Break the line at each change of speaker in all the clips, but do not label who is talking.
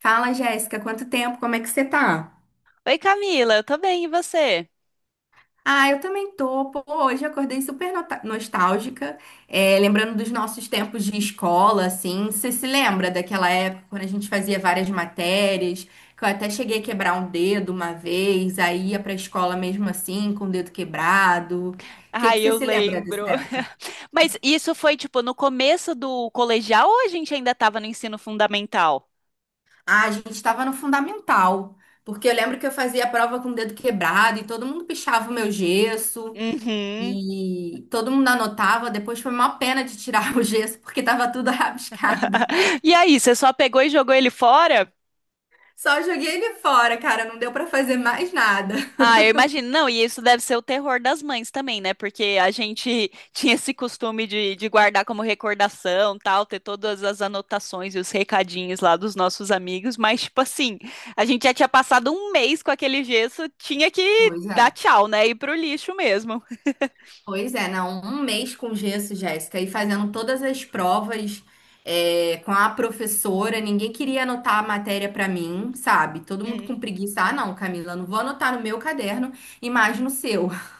Fala, Jéssica, quanto tempo? Como é que você tá?
Oi, Camila, eu tô bem, e você?
Ah, eu também tô. Pô, hoje eu acordei super nostálgica, é, lembrando dos nossos tempos de escola, assim. Você se lembra daquela época quando a gente fazia várias matérias, que eu até cheguei a quebrar um dedo uma vez, aí ia pra escola mesmo assim, com o dedo quebrado. O que que
Ai,
você
eu
se lembra
lembro.
dessa época?
Mas isso foi tipo no começo do colegial ou a gente ainda tava no ensino fundamental?
Ah, a gente estava no fundamental, porque eu lembro que eu fazia a prova com o dedo quebrado e todo mundo pichava o meu gesso.
Uhum.
E todo mundo anotava, depois foi uma pena de tirar o gesso, porque tava tudo rabiscado.
E aí, você só pegou e jogou ele fora?
Só joguei ele fora, cara, não deu pra fazer mais nada.
Ah, eu imagino. Não, e isso deve ser o terror das mães também, né? Porque a gente tinha esse costume de guardar como recordação, tal, ter todas as anotações e os recadinhos lá dos nossos amigos, mas, tipo assim, a gente já tinha passado um mês com aquele gesso, tinha que
Pois
dar
é.
tchau, né? Ir pro lixo mesmo.
Pois é, não, um mês com gesso, Jéssica, e fazendo todas as provas é, com a professora, ninguém queria anotar a matéria pra mim, sabe? Todo mundo com
Hum.
preguiça. Ah, não, Camila, não vou anotar no meu caderno e mais no seu.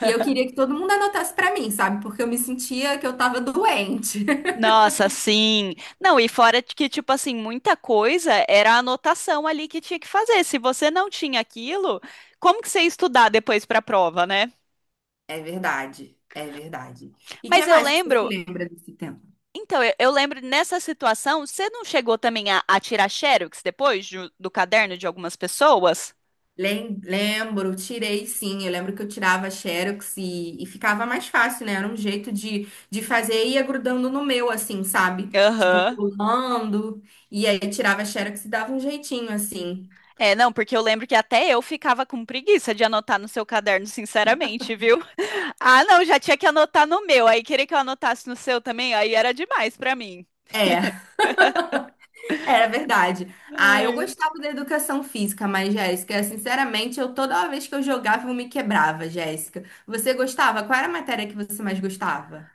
E eu queria que todo mundo anotasse pra mim, sabe? Porque eu me sentia que eu tava doente.
Nossa, sim. Não, e fora de que, tipo assim, muita coisa era a anotação ali que tinha que fazer. Se você não tinha aquilo, como que você ia estudar depois para a prova, né?
É verdade, é verdade. E que
Mas eu
mais que você se
lembro.
lembra desse tempo?
Então, eu lembro nessa situação, você não chegou também a tirar xerox do caderno de algumas pessoas?
Lembro, tirei sim. Eu lembro que eu tirava Xerox e ficava mais fácil, né? Era um jeito de fazer e ia grudando no meu, assim, sabe? Tipo,
Aham.
pulando. E aí tirava Xerox e dava um jeitinho, assim.
É, não, porque eu lembro que até eu ficava com preguiça de anotar no seu caderno, sinceramente, viu? Ah, não, já tinha que anotar no meu, aí queria que eu anotasse no seu também, aí era demais pra mim.
É, era verdade. Ah, eu
Ai.
gostava da educação física, mas, Jéssica, sinceramente, eu toda vez que eu jogava, eu me quebrava, Jéssica. Você gostava? Qual era a matéria que você mais gostava?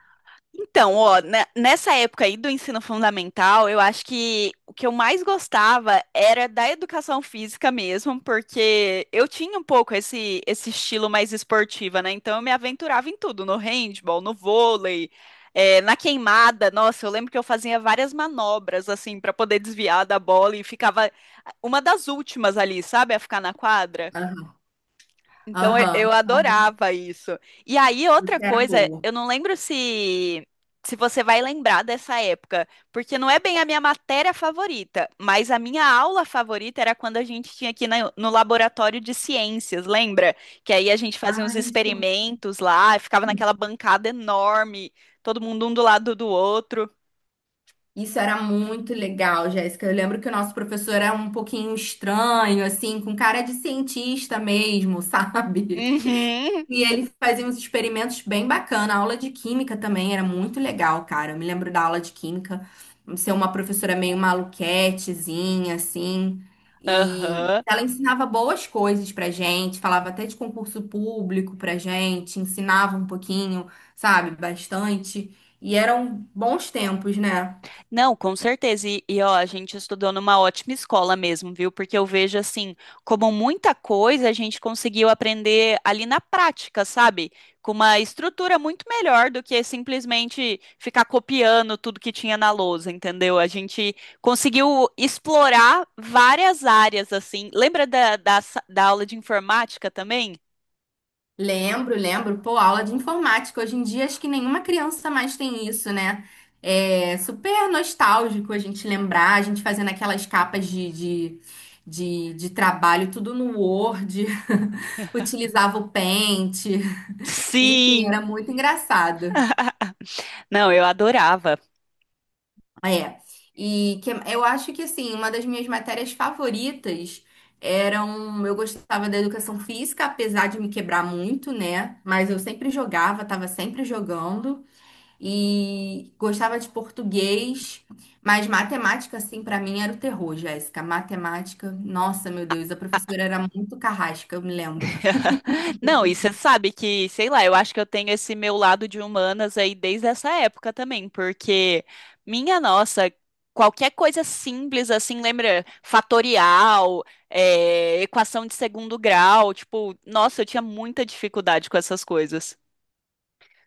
Então, ó, nessa época aí do ensino fundamental, eu acho que o que eu mais gostava era da educação física mesmo, porque eu tinha um pouco esse, esse estilo mais esportiva, né? Então eu me aventurava em tudo, no handball, no vôlei, na queimada. Nossa, eu lembro que eu fazia várias manobras, assim, para poder desviar da bola e ficava uma das últimas ali, sabe? A ficar na quadra. Então eu
Aham. Claro.
adorava isso. E aí, outra
Você era
coisa,
boa.
eu não lembro se se você vai lembrar dessa época, porque não é bem a minha matéria favorita, mas a minha aula favorita era quando a gente tinha no laboratório de ciências, lembra? Que aí a gente fazia uns
Ah, isso.
experimentos lá, ficava naquela bancada enorme, todo mundo um do lado do outro.
Isso era muito legal, Jéssica. Eu lembro que o nosso professor era um pouquinho estranho, assim, com cara de cientista mesmo, sabe?
Uhum.
E ele fazia uns experimentos bem bacana. A aula de química também era muito legal, cara. Eu me lembro da aula de química ser uma professora meio maluquetezinha, assim. E
Aham.
ela ensinava boas coisas pra gente, falava até de concurso público pra gente, ensinava um pouquinho, sabe, bastante. E eram bons tempos, né?
Não, com certeza. Ó, a gente estudou numa ótima escola mesmo, viu? Porque eu vejo assim, como muita coisa a gente conseguiu aprender ali na prática, sabe? Com uma estrutura muito melhor do que simplesmente ficar copiando tudo que tinha na lousa, entendeu? A gente conseguiu explorar várias áreas, assim. Lembra da aula de informática também?
Lembro, lembro. Pô, aula de informática. Hoje em dia, acho que nenhuma criança mais tem isso, né? É super nostálgico a gente lembrar, a gente fazendo aquelas capas de trabalho, tudo no Word, utilizava o Paint. Enfim,
Sim!
era muito engraçado.
Não, eu adorava.
É. E que, eu acho que, assim, uma das minhas matérias favoritas eram. Eu gostava da educação física, apesar de me quebrar muito, né? Mas eu sempre jogava, estava sempre jogando. E gostava de português, mas matemática, assim, pra mim era o terror, Jéssica. Matemática, nossa, meu Deus, a professora era muito carrasca, eu me lembro.
Não, e você sabe que, sei lá, eu acho que eu tenho esse meu lado de humanas aí desde essa época também, porque, minha nossa, qualquer coisa simples assim, lembra? Fatorial, é, equação de segundo grau, tipo, nossa, eu tinha muita dificuldade com essas coisas.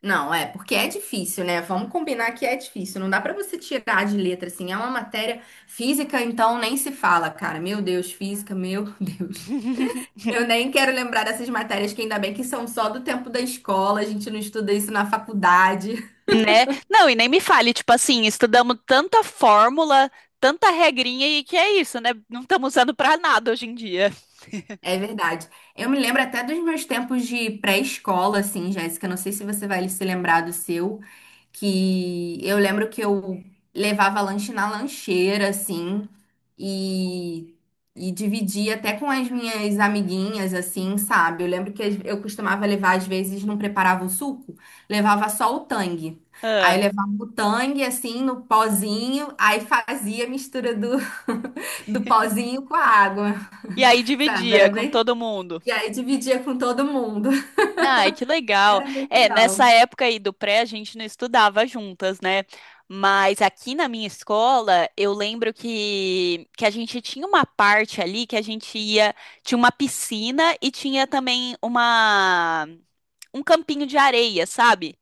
Não, é, porque é difícil, né? Vamos combinar que é difícil, não dá pra você tirar de letra, assim, é uma matéria física, então nem se fala, cara. Meu Deus, física, meu Deus. Eu nem quero lembrar dessas matérias que ainda bem que são só do tempo da escola, a gente não estuda isso na faculdade.
Né? Não, e nem me fale, tipo assim, estudamos tanta fórmula, tanta regrinha e que é isso, né? Não estamos usando pra nada hoje em dia.
É verdade. Eu me lembro até dos meus tempos de pré-escola, assim, Jéssica. Não sei se você vai se lembrar do seu, que eu lembro que eu levava lanche na lancheira, assim, e, e dividia até com as minhas amiguinhas, assim, sabe? Eu lembro que eu costumava levar, às vezes, não preparava o suco, levava só o tang. Aí
Ah,
levava o tang, assim, no pozinho, aí fazia a mistura do, do pozinho com a água,
e aí
sabe?
dividia
Era
com
bem
todo mundo.
e aí dividia com todo mundo.
Ai, que legal.
Era bem
É, nessa
legal.
época aí do pré, a gente não estudava juntas, né? Mas aqui na minha escola, eu lembro que a gente tinha uma parte ali que a gente ia, tinha uma piscina e tinha também um campinho de areia, sabe?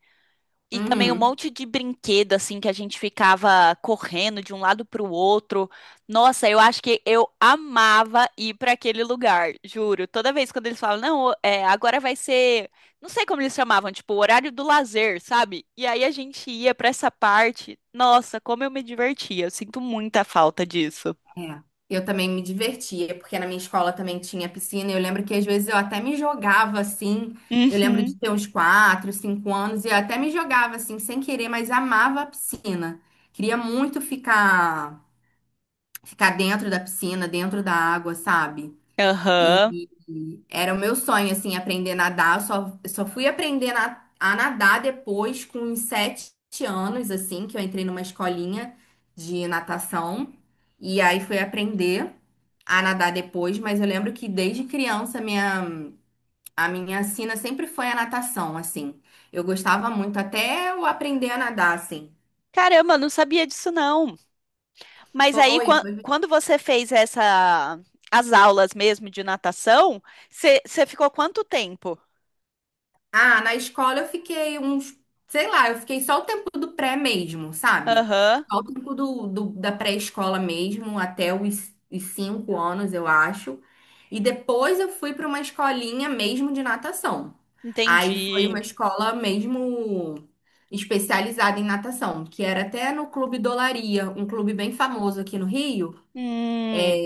E também um
Uhum.
monte de brinquedo, assim, que a gente ficava correndo de um lado para o outro. Nossa, eu acho que eu amava ir para aquele lugar, juro. Toda vez quando eles falam, não, é, agora vai ser. Não sei como eles chamavam, tipo, o horário do lazer, sabe? E aí a gente ia para essa parte. Nossa, como eu me divertia. Eu sinto muita falta disso.
É. Eu também me divertia, porque na minha escola também tinha piscina. E eu lembro que às vezes eu até me jogava assim. Eu lembro
Uhum.
de ter uns 4, 5 anos e eu até me jogava assim, sem querer, mas amava a piscina. Queria muito ficar dentro da piscina, dentro da água, sabe? E
Aham.
e era o meu sonho, assim, aprender a nadar. Eu só fui aprender a nadar depois, com uns 7 anos, assim, que eu entrei numa escolinha de natação. E aí fui aprender a nadar depois, mas eu lembro que desde criança minha, a minha sina sempre foi a natação, assim. Eu gostava muito, até eu aprender a nadar, assim.
Caramba, eu não sabia disso, não. Mas aí,
Foi, foi
quando você fez essa, as aulas mesmo de natação, você ficou quanto tempo?
Ah, na escola eu fiquei uns, sei lá, eu fiquei só o tempo do pré mesmo, sabe?
Aham,
Só o tempo do, da pré-escola mesmo, até os 5 anos, eu acho. E depois eu fui para uma escolinha mesmo de natação. Aí foi uma
entendi.
escola mesmo especializada em natação, que era até no Clube Dolaria, um clube bem famoso aqui no Rio.
Hum,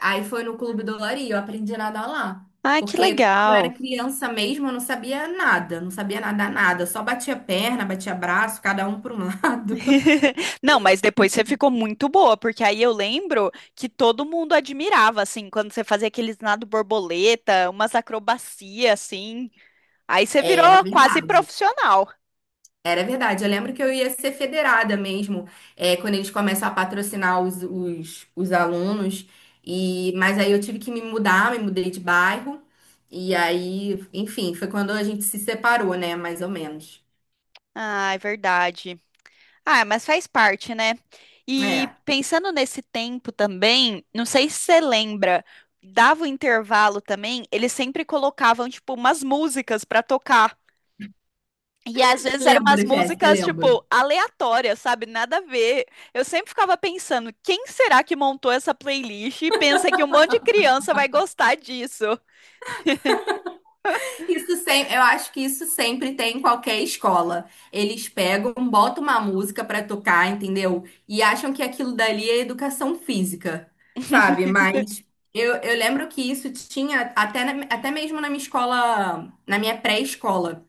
Aí foi no Clube do Lari, eu aprendi a nadar lá.
ah, que
Porque quando eu
legal.
era criança mesmo, eu não sabia nada, não sabia nadar nada. Eu só batia perna, batia braço, cada um para um lado.
Não, mas depois você ficou muito boa, porque aí eu lembro que todo mundo admirava, assim, quando você fazia aqueles nado borboleta, umas acrobacias, assim. Aí você virou
Era
quase
verdade.
profissional.
Era verdade. Eu lembro que eu ia ser federada mesmo, é, quando eles começam a patrocinar os, os alunos. E, mas aí eu tive que me mudar, me mudei de bairro. E aí, enfim, foi quando a gente se separou, né? Mais ou menos.
Ah, é verdade. Ah, mas faz parte, né? E
É.
pensando nesse tempo também, não sei se você lembra, dava o intervalo também, eles sempre colocavam, tipo, umas músicas pra tocar. E às vezes eram umas
Lembro, Jéssica,
músicas,
lembro.
tipo, aleatórias, sabe? Nada a ver. Eu sempre ficava pensando, quem será que montou essa playlist e pensa que um monte de criança vai gostar disso?
Isso sempre, eu acho que isso sempre tem em qualquer escola. Eles pegam, botam uma música pra tocar, entendeu? E acham que aquilo dali é educação física, sabe? Mas eu lembro que isso tinha até, até mesmo na minha escola, na minha pré-escola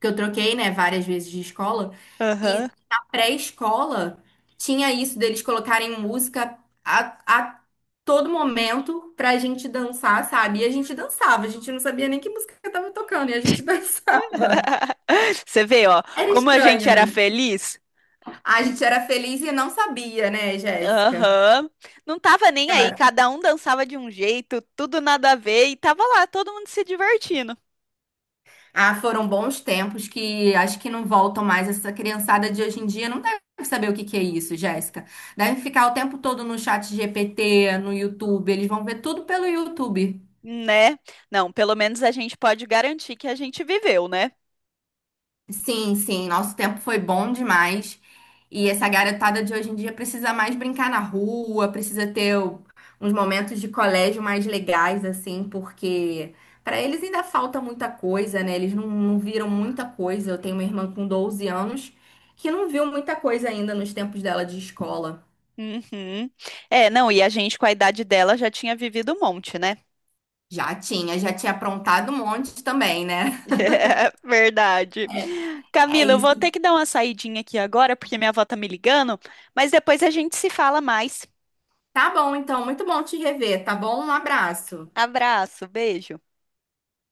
que eu troquei, né, várias vezes de escola,
Aham.
e na pré-escola tinha isso deles colocarem música a todo momento pra gente dançar, sabe? E a gente dançava, a gente não sabia nem que música tava tocando, e a gente dançava.
Você vê, ó,
Era
como a gente
estranho,
era
né?
feliz?
A gente era feliz e não sabia, né, Jéssica?
Aham. Não tava nem aí,
Cara.
cada um dançava de um jeito, tudo nada a ver, e tava lá todo mundo se divertindo,
Ah, foram bons tempos que acho que não voltam mais. Essa criançada de hoje em dia não deve saber o que que é isso, Jéssica. Devem ficar o tempo todo no chat GPT, no YouTube. Eles vão ver tudo pelo YouTube.
né? Não, pelo menos a gente pode garantir que a gente viveu, né?
Sim, sim, nosso tempo foi bom demais. E essa garotada de hoje em dia precisa mais brincar na rua, precisa ter uns momentos de colégio mais legais, assim, porque para eles ainda falta muita coisa, né? Eles não viram muita coisa. Eu tenho uma irmã com 12 anos que não viu muita coisa ainda nos tempos dela de escola.
Uhum. É, não, e a gente com a idade dela já tinha vivido um monte, né?
Já tinha aprontado um monte também, né?
Verdade.
É
Camila, eu vou
isso.
ter que dar uma saidinha aqui agora, porque minha avó tá me ligando, mas depois a gente se fala mais.
Tá bom, então, muito bom te rever, tá bom? Um abraço.
Abraço, beijo.